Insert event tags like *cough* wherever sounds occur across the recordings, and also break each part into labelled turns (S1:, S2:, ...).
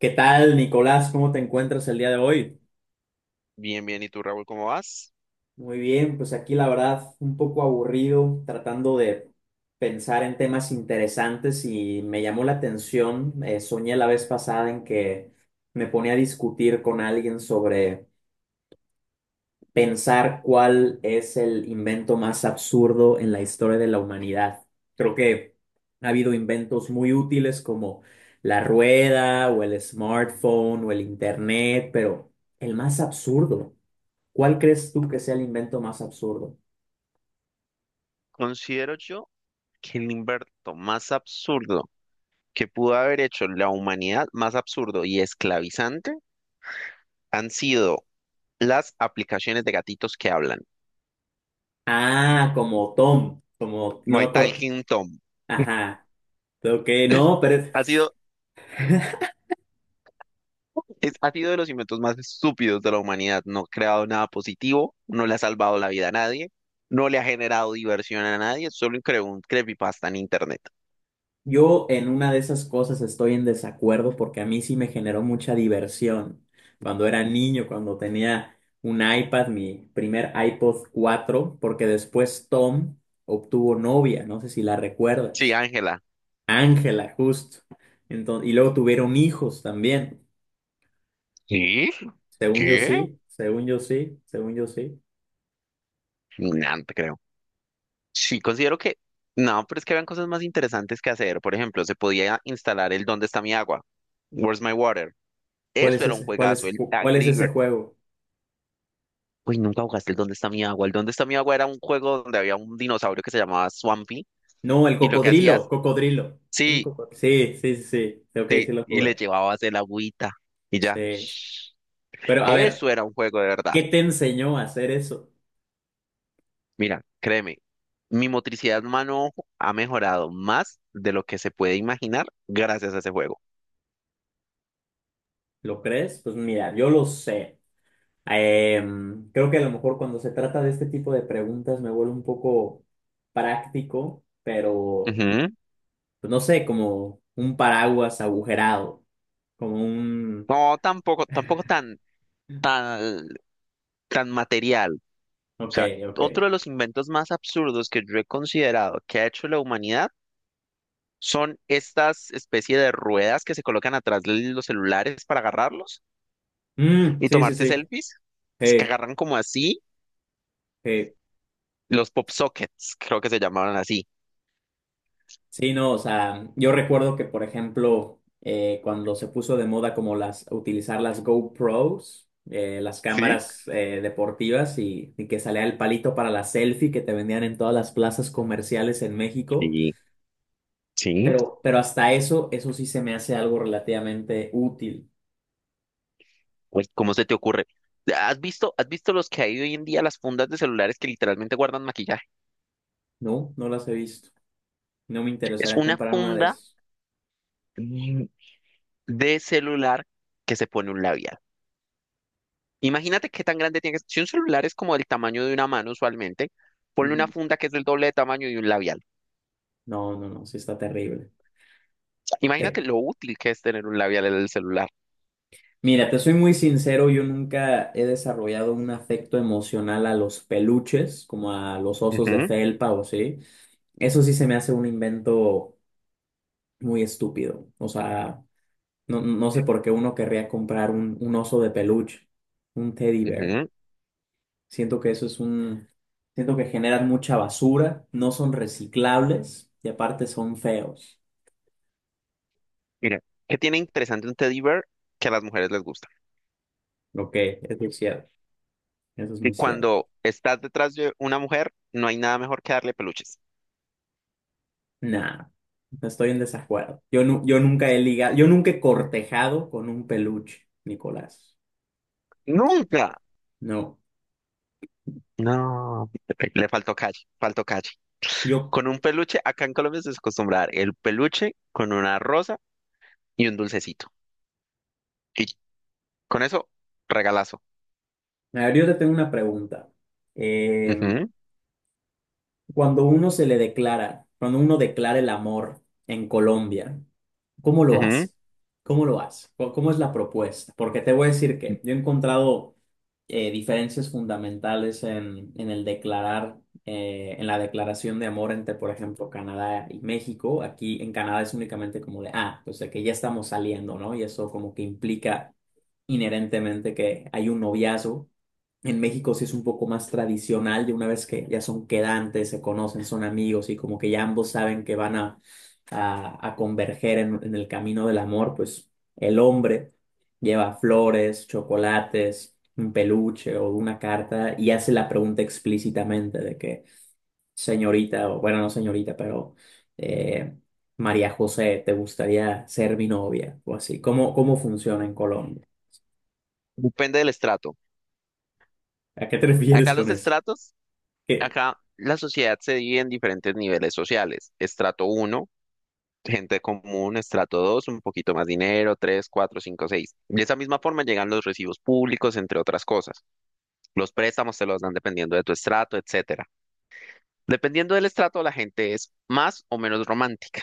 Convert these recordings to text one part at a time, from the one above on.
S1: ¿Qué tal, Nicolás? ¿Cómo te encuentras el día de hoy?
S2: Bien, bien. ¿Y tú, Raúl, cómo vas?
S1: Muy bien, pues aquí la verdad un poco aburrido, tratando de pensar en temas interesantes y me llamó la atención, soñé la vez pasada en que me ponía a discutir con alguien sobre pensar cuál es el invento más absurdo en la historia de la humanidad. Creo que ha habido inventos muy útiles como la rueda o el smartphone o el internet, pero el más absurdo. ¿Cuál crees tú que sea el invento más absurdo?
S2: Considero yo que el invento más absurdo que pudo haber hecho la humanidad, más absurdo y esclavizante, han sido las aplicaciones de gatitos que hablan.
S1: Ah, como Tom, como, no me
S2: My
S1: acuerdo.
S2: Talking Tom.
S1: Ajá, ok, no,
S2: Ha sido, ha sido de los inventos más estúpidos de la humanidad. No ha creado nada positivo, no le ha salvado la vida a nadie, no le ha generado diversión a nadie, solo creó un creepypasta en internet.
S1: yo en una de esas cosas estoy en desacuerdo porque a mí sí me generó mucha diversión. Cuando era niño, cuando tenía un iPad, mi primer iPod 4, porque después Tom obtuvo novia, no sé si la
S2: Sí,
S1: recuerdas.
S2: Ángela.
S1: Ángela, justo. Entonces, y luego tuvieron hijos también.
S2: ¿Sí?
S1: Según yo
S2: ¿Qué?
S1: sí, según yo sí, según yo sí.
S2: Nada, no te creo. Sí, considero que no, pero es que habían cosas más interesantes que hacer. Por ejemplo, se podía instalar el ¿Dónde está mi agua? Where's my water?
S1: ¿Cuál
S2: Eso
S1: es
S2: era un
S1: ese?
S2: juegazo, el
S1: ¿Cuál es
S2: Angry
S1: ese
S2: Birds.
S1: juego?
S2: Uy, nunca jugaste el ¿Dónde está mi agua? El ¿Dónde está mi agua? Era un juego donde había un dinosaurio que se llamaba Swampy
S1: No, el
S2: y lo que
S1: cocodrilo,
S2: hacías,
S1: cocodrilo. Era un
S2: sí,
S1: cocodrilo. Sí, sí, sí, sí. Sí, ok,
S2: sí,
S1: sí lo
S2: y
S1: jugué.
S2: le llevabas el agüita y ya.
S1: Sí. Pero a
S2: Eso
S1: ver,
S2: era un juego de verdad.
S1: ¿qué te enseñó a hacer eso?
S2: Mira, créeme, mi motricidad mano ha mejorado más de lo que se puede imaginar gracias a ese juego.
S1: ¿Lo crees? Pues mira, yo lo sé. Creo que a lo mejor cuando se trata de este tipo de preguntas me vuelvo un poco práctico, pero
S2: Ujú.
S1: pues no sé, como un paraguas agujerado, como un...
S2: No, tampoco, tampoco tan
S1: *laughs*
S2: tan, tan material. O
S1: Ok,
S2: sea,
S1: ok.
S2: otro de los inventos más absurdos que yo he considerado que ha hecho la humanidad son estas especie de ruedas que se colocan atrás de los celulares para agarrarlos
S1: Mm,
S2: y
S1: sí, sí,
S2: tomarse
S1: sí.
S2: selfies. Es que
S1: Hey,
S2: agarran como así, los pop sockets, creo que se llamaban así.
S1: sí, no, o sea, yo recuerdo que, por ejemplo, cuando se puso de moda como las, utilizar las GoPros, las
S2: ¿Sí?
S1: cámaras deportivas y que salía el palito para la selfie que te vendían en todas las plazas comerciales en México,
S2: Sí, sí.
S1: pero hasta eso, eso sí se me hace algo relativamente útil,
S2: Pues, ¿cómo se te ocurre? ¿Has visto los que hay hoy en día, las fundas de celulares que literalmente guardan maquillaje?
S1: ¿no? No las he visto. No me
S2: Es
S1: interesaría
S2: una
S1: comprar una de
S2: funda
S1: esas.
S2: mm, de celular que se pone un labial. Imagínate qué tan grande tiene que ser. Si un celular es como del tamaño de una mano usualmente, ponle una
S1: Ujú.
S2: funda que es del doble de tamaño de un labial.
S1: No, no, no, sí está terrible. Te-
S2: Imagínate lo útil que es tener un labial en el celular.
S1: Mira, te soy muy sincero, yo nunca he desarrollado un afecto emocional a los peluches, como a los osos de
S2: Ujú,
S1: felpa o así. Eso sí se me hace un invento muy estúpido. O sea, no, no sé por qué uno querría comprar un oso de peluche, un teddy bear.
S2: ujú.
S1: Siento que eso es un... Siento que generan mucha basura, no son reciclables y aparte son feos.
S2: Mira, ¿qué tiene interesante un teddy bear que a las mujeres les gusta?
S1: Ok, eso es cierto, eso es
S2: Y
S1: muy cierto.
S2: cuando estás detrás de una mujer, no hay nada mejor que darle peluches.
S1: Nah, no estoy en desacuerdo. Yo nunca he ligado, yo nunca he cortejado con un peluche, Nicolás.
S2: ¡Nunca!
S1: No.
S2: No, le faltó calle, faltó calle.
S1: Yo,
S2: Con un peluche, acá en Colombia se acostumbra a dar el peluche con una rosa y un dulcecito. Y con eso, regalazo.
S1: a ver, yo te tengo una pregunta. Eh,
S2: Ujú,
S1: Cuando uno se le declara, cuando uno declara el amor en Colombia, ¿cómo lo
S2: ujú.
S1: hace? ¿Cómo lo hace? ¿Cómo es la propuesta? Porque te voy a decir que yo he encontrado diferencias fundamentales en el declarar, en la declaración de amor entre, por ejemplo, Canadá y México. Aquí en Canadá es únicamente como de, ah, pues de que ya estamos saliendo, ¿no? Y eso como que implica inherentemente que hay un noviazgo. En México sí es un poco más tradicional, de una vez que ya son quedantes, se conocen, son amigos y como que ya ambos saben que van a, a converger en el camino del amor, pues el hombre lleva flores, chocolates, un peluche o una carta y hace la pregunta explícitamente de que, señorita, o bueno, no señorita, pero eh, María José, ¿te gustaría ser mi novia? O así. ¿Cómo funciona en Colombia?
S2: Depende del estrato.
S1: ¿A qué te *laughs* refieres
S2: Acá los
S1: con eso?
S2: estratos,
S1: ¿Qué?
S2: acá la sociedad se divide en diferentes niveles sociales. Estrato uno, gente común, estrato 2, un poquito más dinero, tres, 4, 5, 6. De esa misma forma llegan los recibos públicos, entre otras cosas. Los préstamos te los dan dependiendo de tu estrato, etcétera. Dependiendo del estrato, la gente es más o menos romántica.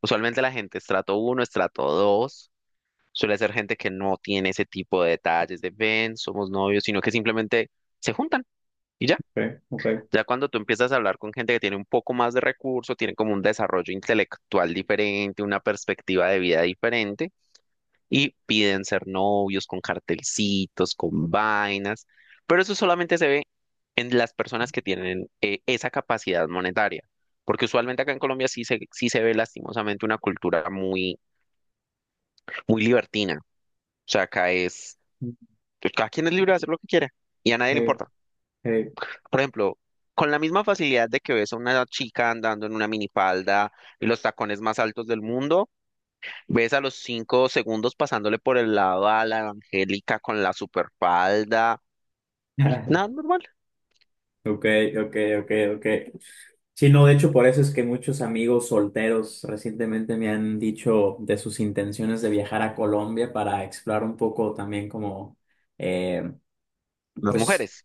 S2: Usualmente la gente estrato uno, estrato 2 suele ser gente que no tiene ese tipo de detalles de ven, somos novios, sino que simplemente se juntan y ya.
S1: Ok, ok.
S2: Ya cuando tú empiezas a hablar con gente que tiene un poco más de recurso, tiene como un desarrollo intelectual diferente, una perspectiva de vida diferente, y piden ser novios con cartelcitos, con vainas, pero eso solamente se ve en las personas que tienen esa capacidad monetaria, porque usualmente acá en Colombia sí se ve lastimosamente una cultura muy, muy libertina, o sea, acá es, pues, cada quien es libre de hacer lo que quiera, y a nadie le
S1: Hey,
S2: importa.
S1: hey,
S2: Por ejemplo, con la misma facilidad de que ves a una chica andando en una minifalda y los tacones más altos del mundo, ves a los 5 segundos pasándole por el lado a la Angélica con la superfalda y nada
S1: *laughs*
S2: normal.
S1: ok, ok, ok, ok. Sí, no, de hecho, por eso es que muchos amigos solteros recientemente me han dicho de sus intenciones de viajar a Colombia para explorar un poco también como, eh,
S2: Las
S1: pues,
S2: mujeres.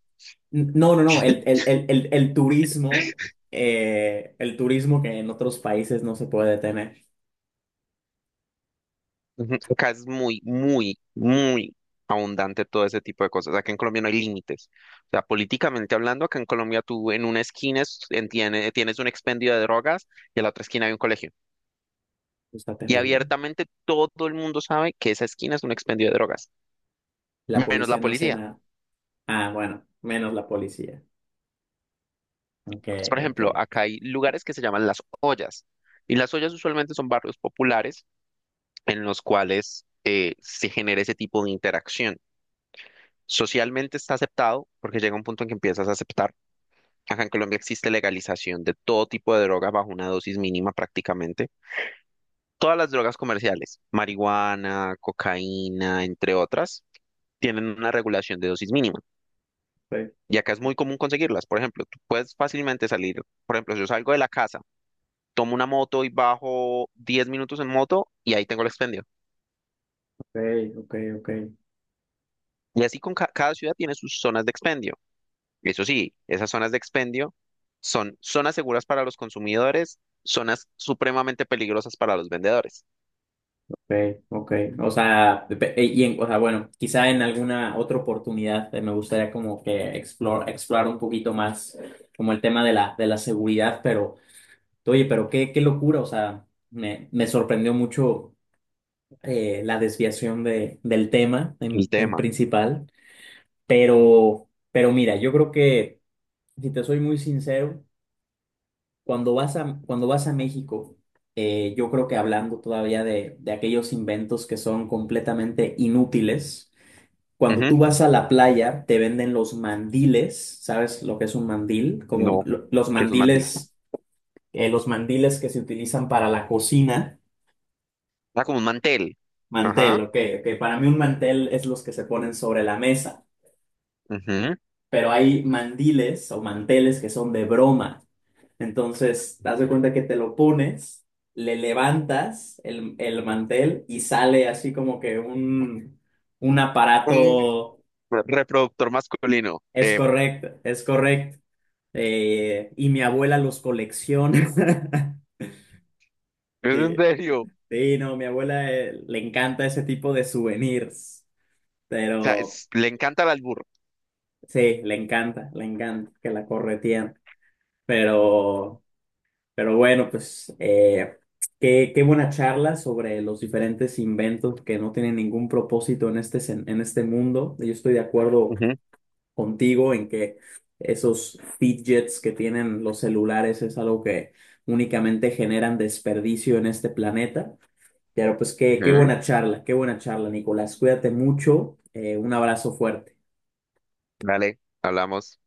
S1: n- no, no, no, el turismo que en otros países no se puede tener.
S2: Ujú. Acá es muy, muy, muy abundante todo ese tipo de cosas. Acá en Colombia no hay límites. O sea, políticamente hablando, acá en Colombia tú en una esquina tienes un expendio de drogas y en la otra esquina hay un colegio.
S1: Pues, está
S2: Y
S1: terrible.
S2: abiertamente todo el mundo sabe que esa esquina es un expendio de drogas,
S1: La
S2: menos la
S1: policía no hace
S2: policía.
S1: nada. Ah, bueno, menos la policía. Ok,
S2: Entonces, por
S1: ok.
S2: ejemplo, acá hay lugares que se llaman las ollas. Y las ollas usualmente son barrios populares en los cuales se genera ese tipo de interacción. Socialmente está aceptado porque llega un punto en que empiezas a aceptar. Acá en Colombia existe legalización de todo tipo de droga bajo una dosis mínima prácticamente. Todas las drogas comerciales, marihuana, cocaína, entre otras, tienen una regulación de dosis mínima.
S1: Ok,
S2: Y acá es muy común conseguirlas. Por ejemplo, tú puedes fácilmente salir. Por ejemplo, si yo salgo de la casa, tomo una moto y bajo 10 minutos en moto y ahí tengo el expendio.
S1: ok, ok. Ok.
S2: Y así con cada ciudad tiene sus zonas de expendio. Eso sí, esas zonas de expendio son zonas seguras para los consumidores, zonas supremamente peligrosas para los vendedores.
S1: Okay, okay. O sea, y en, o sea, bueno, quizá en alguna otra oportunidad me gustaría como que explorar un poquito más como el tema de la seguridad, pero oye, pero qué, qué locura, o sea, me sorprendió mucho la desviación de, del tema
S2: El
S1: en
S2: tema.
S1: principal, pero mira, yo creo que, si te soy muy sincero, cuando vas a México, yo creo que hablando todavía de aquellos inventos que son completamente inútiles, cuando
S2: Ujú.
S1: tú vas a la playa te venden los mandiles, ¿sabes lo que es un mandil? Como
S2: No, que es un mantel.
S1: los mandiles que se utilizan para la cocina,
S2: Ah, como un mantel.
S1: mantel,
S2: Ajá.
S1: ok, ok, para mí un mantel es los que se ponen sobre la mesa,
S2: Ujú.
S1: pero hay mandiles o manteles que son de broma. Entonces, haz de cuenta que te lo pones, le levantas el mantel y sale así como que un
S2: Un
S1: aparato.
S2: reproductor masculino.
S1: Es correcto, es correcto. Y mi abuela los colecciona. *laughs*
S2: Es en
S1: Sí,
S2: serio. O
S1: sí, no, mi abuela le encanta ese tipo de souvenirs,
S2: sea,
S1: pero
S2: le encanta el albur.
S1: sí, le encanta que la corretean. Pero Pero bueno, pues qué, qué buena charla sobre los diferentes inventos que no tienen ningún propósito en este, en este mundo. Yo estoy de acuerdo
S2: Ujú.
S1: contigo en que esos fidgets que tienen los celulares es algo que únicamente generan desperdicio en este planeta. Pero pues qué,
S2: Ujú.
S1: qué buena charla, Nicolás. Cuídate mucho. Un abrazo fuerte.
S2: Dale, hablamos.